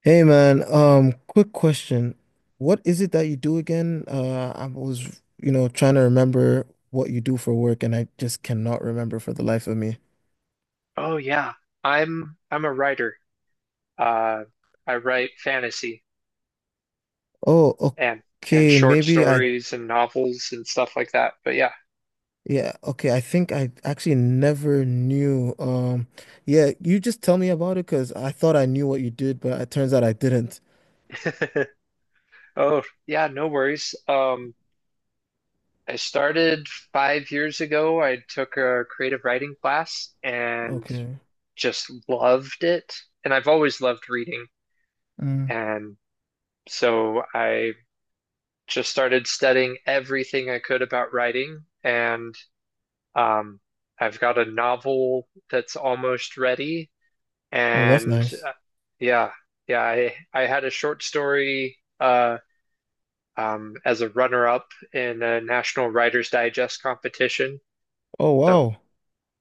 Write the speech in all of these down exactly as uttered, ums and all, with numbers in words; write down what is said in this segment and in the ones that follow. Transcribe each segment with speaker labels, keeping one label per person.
Speaker 1: Hey man, um, quick question. What is it that you do again? Uh, I was, you know, trying to remember what you do for work and I just cannot remember for the life of me.
Speaker 2: Oh yeah, I'm I'm a writer. Uh, I write fantasy
Speaker 1: Oh,
Speaker 2: and and
Speaker 1: okay,
Speaker 2: short
Speaker 1: maybe I,
Speaker 2: stories and novels and stuff like that. But yeah.
Speaker 1: yeah, okay, I think I actually never knew. Um, yeah, you just tell me about it because I thought I knew what you did, but it turns out I didn't.
Speaker 2: Oh yeah, no worries. Um, I started five years ago. I took a creative writing class and
Speaker 1: Okay.
Speaker 2: just loved it. And I've always loved reading.
Speaker 1: Mm.
Speaker 2: And so I just started studying everything I could about writing and Um, I've got a novel that's almost ready,
Speaker 1: Oh, that's
Speaker 2: and
Speaker 1: nice.
Speaker 2: uh, yeah, yeah, I I had a short story uh um as a runner-up in a National Writers Digest competition.
Speaker 1: Oh,
Speaker 2: So
Speaker 1: wow.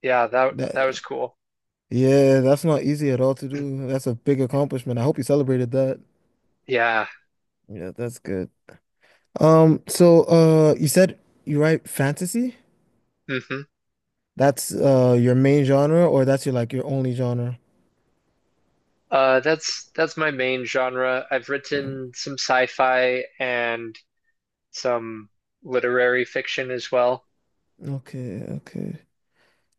Speaker 2: yeah, that
Speaker 1: That,
Speaker 2: that was cool.
Speaker 1: yeah, that's not easy at all to do. That's a big accomplishment. I hope you celebrated that.
Speaker 2: Yeah.
Speaker 1: Yeah, that's good. Um, so uh you said you write fantasy?
Speaker 2: hmm
Speaker 1: That's uh your main genre or that's your like your only genre?
Speaker 2: Uh, that's that's my main genre. I've
Speaker 1: Mm.
Speaker 2: written some sci-fi and some literary fiction as well.
Speaker 1: Okay, okay.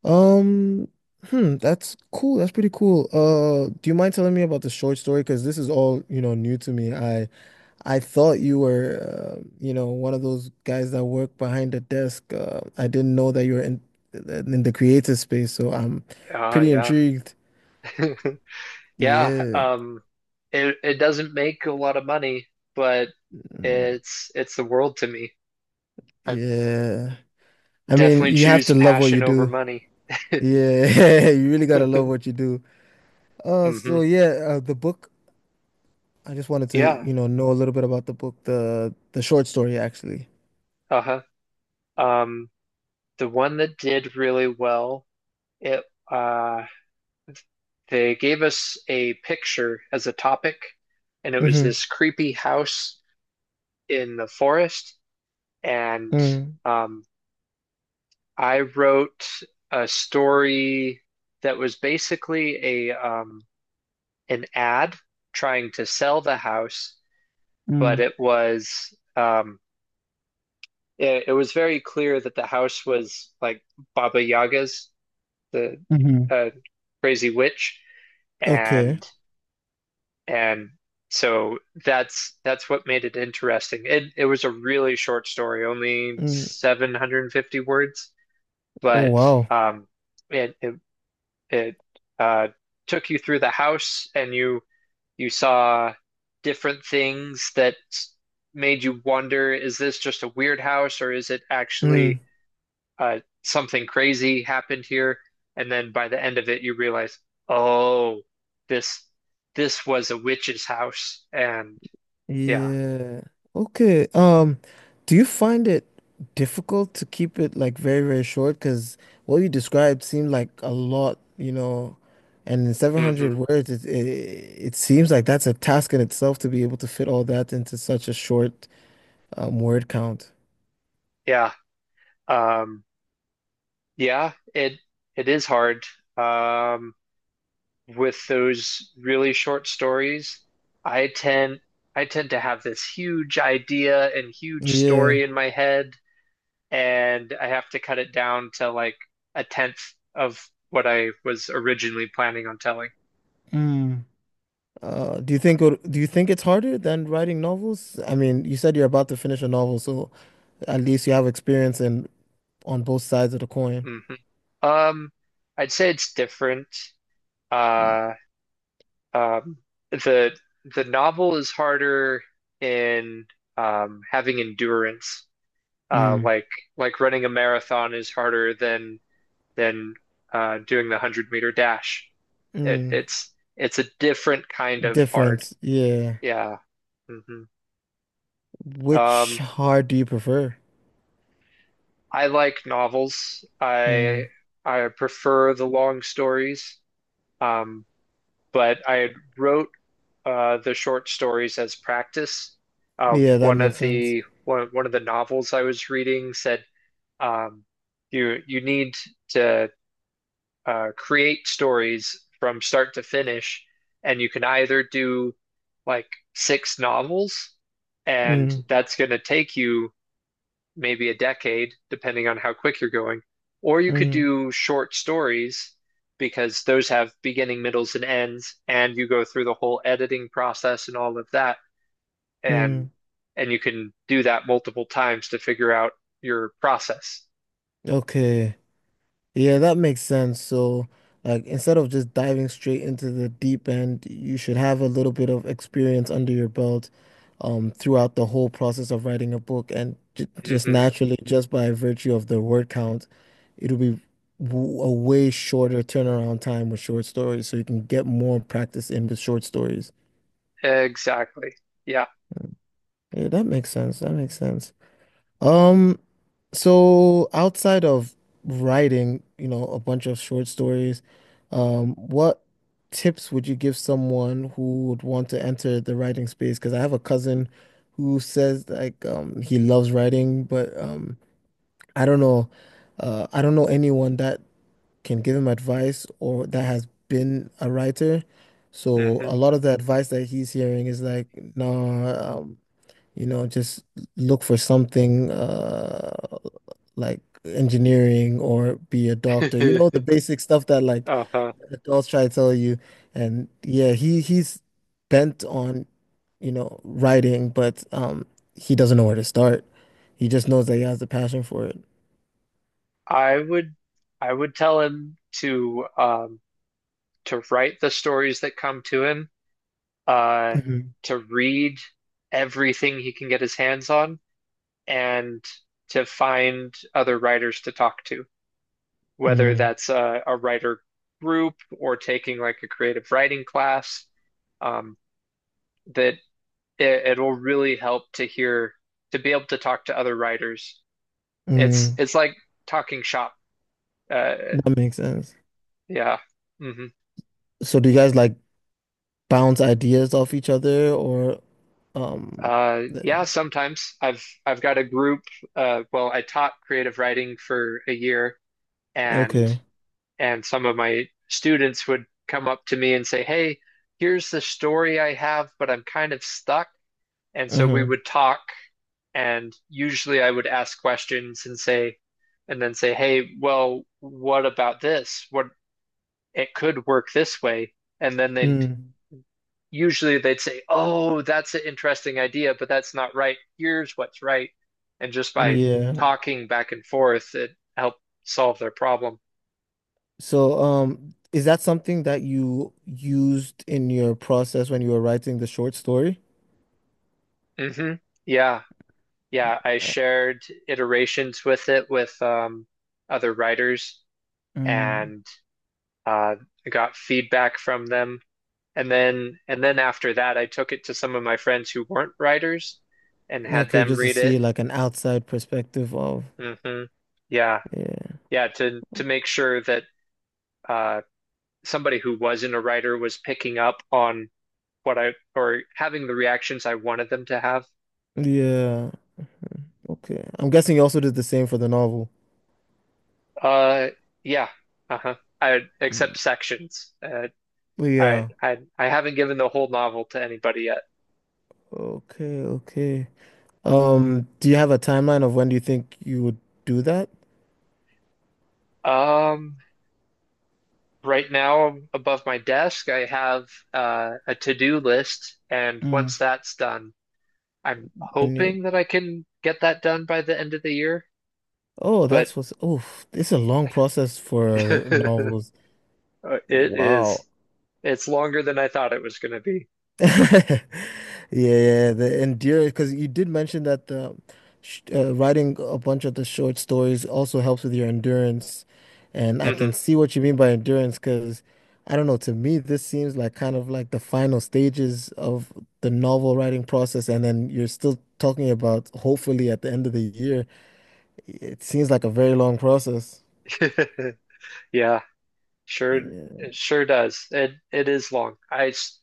Speaker 1: Um, hmm, that's cool. That's pretty cool. Uh, do you mind telling me about the short story? Because this is all, you know, new to me. I I thought you were, uh, you know, one of those guys that work behind the desk. Uh, I didn't know that you were in in the creative space, so I'm
Speaker 2: Uh,
Speaker 1: pretty
Speaker 2: yeah.
Speaker 1: intrigued.
Speaker 2: Yeah,
Speaker 1: Yeah.
Speaker 2: um, it it doesn't make a lot of money, but
Speaker 1: Mm.
Speaker 2: it's it's the world to me. I
Speaker 1: Yeah. I mean,
Speaker 2: definitely
Speaker 1: you have
Speaker 2: choose
Speaker 1: to love what you
Speaker 2: passion over
Speaker 1: do.
Speaker 2: money.
Speaker 1: Yeah, you really gotta love what you do. Uh,
Speaker 2: hmm
Speaker 1: so yeah, uh, the book. I just wanted to,
Speaker 2: Yeah.
Speaker 1: you know, know a little bit about the book, the the short story actually.
Speaker 2: Uh-huh. Um, the one that did really well, it uh they gave us a picture as a topic, and it was
Speaker 1: Mm-hmm.
Speaker 2: this creepy house in the forest. And
Speaker 1: Mm.
Speaker 2: um I wrote a story that was basically a um an ad trying to sell the house, but
Speaker 1: Mm,
Speaker 2: it was um, it, it was very clear that the house was like Baba Yaga's, the
Speaker 1: mm-hmm.
Speaker 2: uh, crazy witch,
Speaker 1: Okay.
Speaker 2: and and so that's that's what made it interesting. It it was a really short story, only
Speaker 1: Mm.
Speaker 2: seven hundred fifty words,
Speaker 1: Oh
Speaker 2: but
Speaker 1: wow.
Speaker 2: um, it, it It uh, took you through the house, and you you saw different things that made you wonder, is this just a weird house, or is it actually
Speaker 1: Mm.
Speaker 2: uh, something crazy happened here? And then by the end of it, you realize, oh, this this was a witch's house, and yeah.
Speaker 1: Yeah. Okay. Um, do you find it difficult to keep it like very, very short? Because what you described seemed like a lot, you know, and in
Speaker 2: hmm
Speaker 1: seven hundred words, it, it it seems like that's a task in itself to be able to fit all that into such a short um, word count.
Speaker 2: yeah, um, yeah, it it is hard. Um, with those really short stories, I tend I tend to have this huge idea and huge
Speaker 1: Yeah.
Speaker 2: story in my head, and I have to cut it down to like a tenth of what I was originally planning on telling.
Speaker 1: Mm. Uh, do you think it- do you think it's harder than writing novels? I mean, you said you're about to finish a novel, so at least you have experience in on both sides of the coin.
Speaker 2: hmm Um, I'd say it's different. Uh, um, the the novel is harder in um, having endurance. Uh,
Speaker 1: Mm.
Speaker 2: like like running a marathon is harder than than uh, doing the one hundred meter dash. It,
Speaker 1: Mm.
Speaker 2: it's it's a different kind of hard.
Speaker 1: Difference, yeah.
Speaker 2: Yeah. hmm
Speaker 1: Which
Speaker 2: Um,
Speaker 1: hard do you prefer?
Speaker 2: I like novels. I
Speaker 1: Mm.
Speaker 2: I prefer the long stories. Um, but I wrote uh, the short stories as practice. Uh,
Speaker 1: Yeah, that
Speaker 2: one
Speaker 1: makes
Speaker 2: of
Speaker 1: sense.
Speaker 2: the one one of the novels I was reading said um, you you need to uh, create stories from start to finish, and you can either do like six novels, and
Speaker 1: Mm,
Speaker 2: that's going to take you maybe a decade, depending on how quick you're going, or you could
Speaker 1: mm,
Speaker 2: do short stories because those have beginning, middles, and ends, and you go through the whole editing process and all of that, and
Speaker 1: mm.
Speaker 2: and you can do that multiple times to figure out your process.
Speaker 1: Okay. Yeah, that makes sense. So, like, instead of just diving straight into the deep end, you should have a little bit of experience under your belt, um, throughout the whole process of writing a book, and j just
Speaker 2: hmm
Speaker 1: naturally, just by virtue of the word count, it'll be w a way shorter turnaround time with short stories, so you can get more practice in the short stories.
Speaker 2: Exactly. Yeah.
Speaker 1: Yeah, that makes sense. That makes sense. Um, so outside of writing, you know, a bunch of short stories, um, what tips would you give someone who would want to enter the writing space? Because I have a cousin who says like um he loves writing, but um I don't know uh I don't know anyone that can give him advice or that has been a writer. So
Speaker 2: hmm
Speaker 1: a lot of the advice that he's hearing is like, no. You know, just look for something uh like engineering or be a doctor. You know, the basic stuff that like
Speaker 2: Uh-huh.
Speaker 1: adults try to tell you. And yeah, he he's bent on, you know, writing, but um he doesn't know where to start. He just knows that he has the passion for it.
Speaker 2: I would I would tell him to um to write the stories that come to him, uh
Speaker 1: Mhm.
Speaker 2: to read everything he can get his hands on and to find other writers to talk to, whether
Speaker 1: Mm,
Speaker 2: that's a, a writer group or taking like a creative writing class, um that it, it'll really help to hear to be able to talk to other writers. It's
Speaker 1: mm,
Speaker 2: it's like talking shop. Uh
Speaker 1: that makes sense.
Speaker 2: yeah. hmm
Speaker 1: So do you guys like bounce ideas off each other or um
Speaker 2: Uh,
Speaker 1: th-
Speaker 2: yeah, sometimes I've I've got a group. Uh, well, I taught creative writing for a year, and
Speaker 1: okay.
Speaker 2: and some of my students would come up to me and say, "Hey, here's the story I have, but I'm kind of stuck." And so we
Speaker 1: Mm-hmm.
Speaker 2: would talk, and usually I would ask questions and say, and then say, "Hey, well, what about this? What It could work this way." And then they
Speaker 1: Mm.
Speaker 2: usually they'd say, "Oh, that's an interesting idea, but that's not right. Here's what's right." And just by
Speaker 1: Yeah.
Speaker 2: talking back and forth, it helped solve their problem.
Speaker 1: So, um, is that something that you used in your process when you were writing the short story?
Speaker 2: hmm Yeah. Yeah. I
Speaker 1: I-
Speaker 2: shared iterations with it with um, other writers
Speaker 1: Mm.
Speaker 2: and uh, I got feedback from them. And then and then after that, I took it to some of my friends who weren't writers and had
Speaker 1: Okay,
Speaker 2: them
Speaker 1: just to
Speaker 2: read it.
Speaker 1: see like an outside perspective of,
Speaker 2: hmm Yeah.
Speaker 1: yeah,
Speaker 2: Yeah, to to make sure that uh somebody who wasn't a writer was picking up on what I or having the reactions I wanted them to have.
Speaker 1: yeah, okay. I'm guessing you also did the same for the novel.
Speaker 2: Uh, yeah, uh-huh. I accept
Speaker 1: Mm.
Speaker 2: sections. Uh, I
Speaker 1: Yeah,
Speaker 2: I I haven't given the whole novel to anybody yet.
Speaker 1: okay, okay. Um, do you have a timeline of when do you think you would do that?
Speaker 2: Um, right now above my desk, I have uh, a to-do list, and
Speaker 1: Mm.
Speaker 2: once that's done, I'm
Speaker 1: And you,
Speaker 2: hoping that I can get that done by the end of the year.
Speaker 1: oh,
Speaker 2: But
Speaker 1: that's what's, oh, it's a long process for
Speaker 2: it
Speaker 1: novels.
Speaker 2: is
Speaker 1: Wow.
Speaker 2: it's longer than I thought it was going to be.
Speaker 1: Yeah, yeah, the endurance, because you did mention that the sh uh, writing a bunch of the short stories also helps with your endurance, and I can
Speaker 2: hmm
Speaker 1: see what you mean by endurance. Because I don't know, to me, this seems like kind of like the final stages of the novel writing process, and then you're still talking about hopefully at the end of the year. It seems like a very long process.
Speaker 2: Yeah, sure,
Speaker 1: Yeah.
Speaker 2: it sure does. It it is long. I s-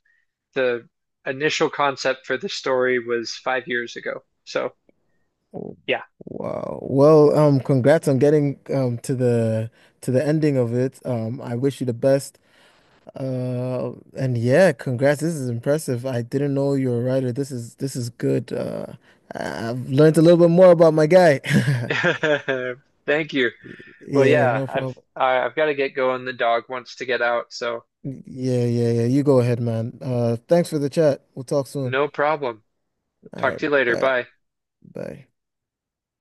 Speaker 2: the initial concept for the story was five years ago. So yeah,
Speaker 1: Wow. Well, um, congrats on getting um to the to the ending of it. Um, I wish you the best. Uh, and yeah, congrats. This is impressive. I didn't know you were a writer. This is this is good. Uh, I- I've learned a little bit more about my guy.
Speaker 2: thank you. Well,
Speaker 1: Yeah,
Speaker 2: yeah,
Speaker 1: no
Speaker 2: I've
Speaker 1: problem.
Speaker 2: I- I've got to get going. The dog wants to get out, so
Speaker 1: Yeah, yeah, yeah. You go ahead, man. Uh, thanks for the chat. We'll talk soon.
Speaker 2: no problem.
Speaker 1: All
Speaker 2: Talk to
Speaker 1: right,
Speaker 2: you later.
Speaker 1: bye.
Speaker 2: Bye.
Speaker 1: Bye.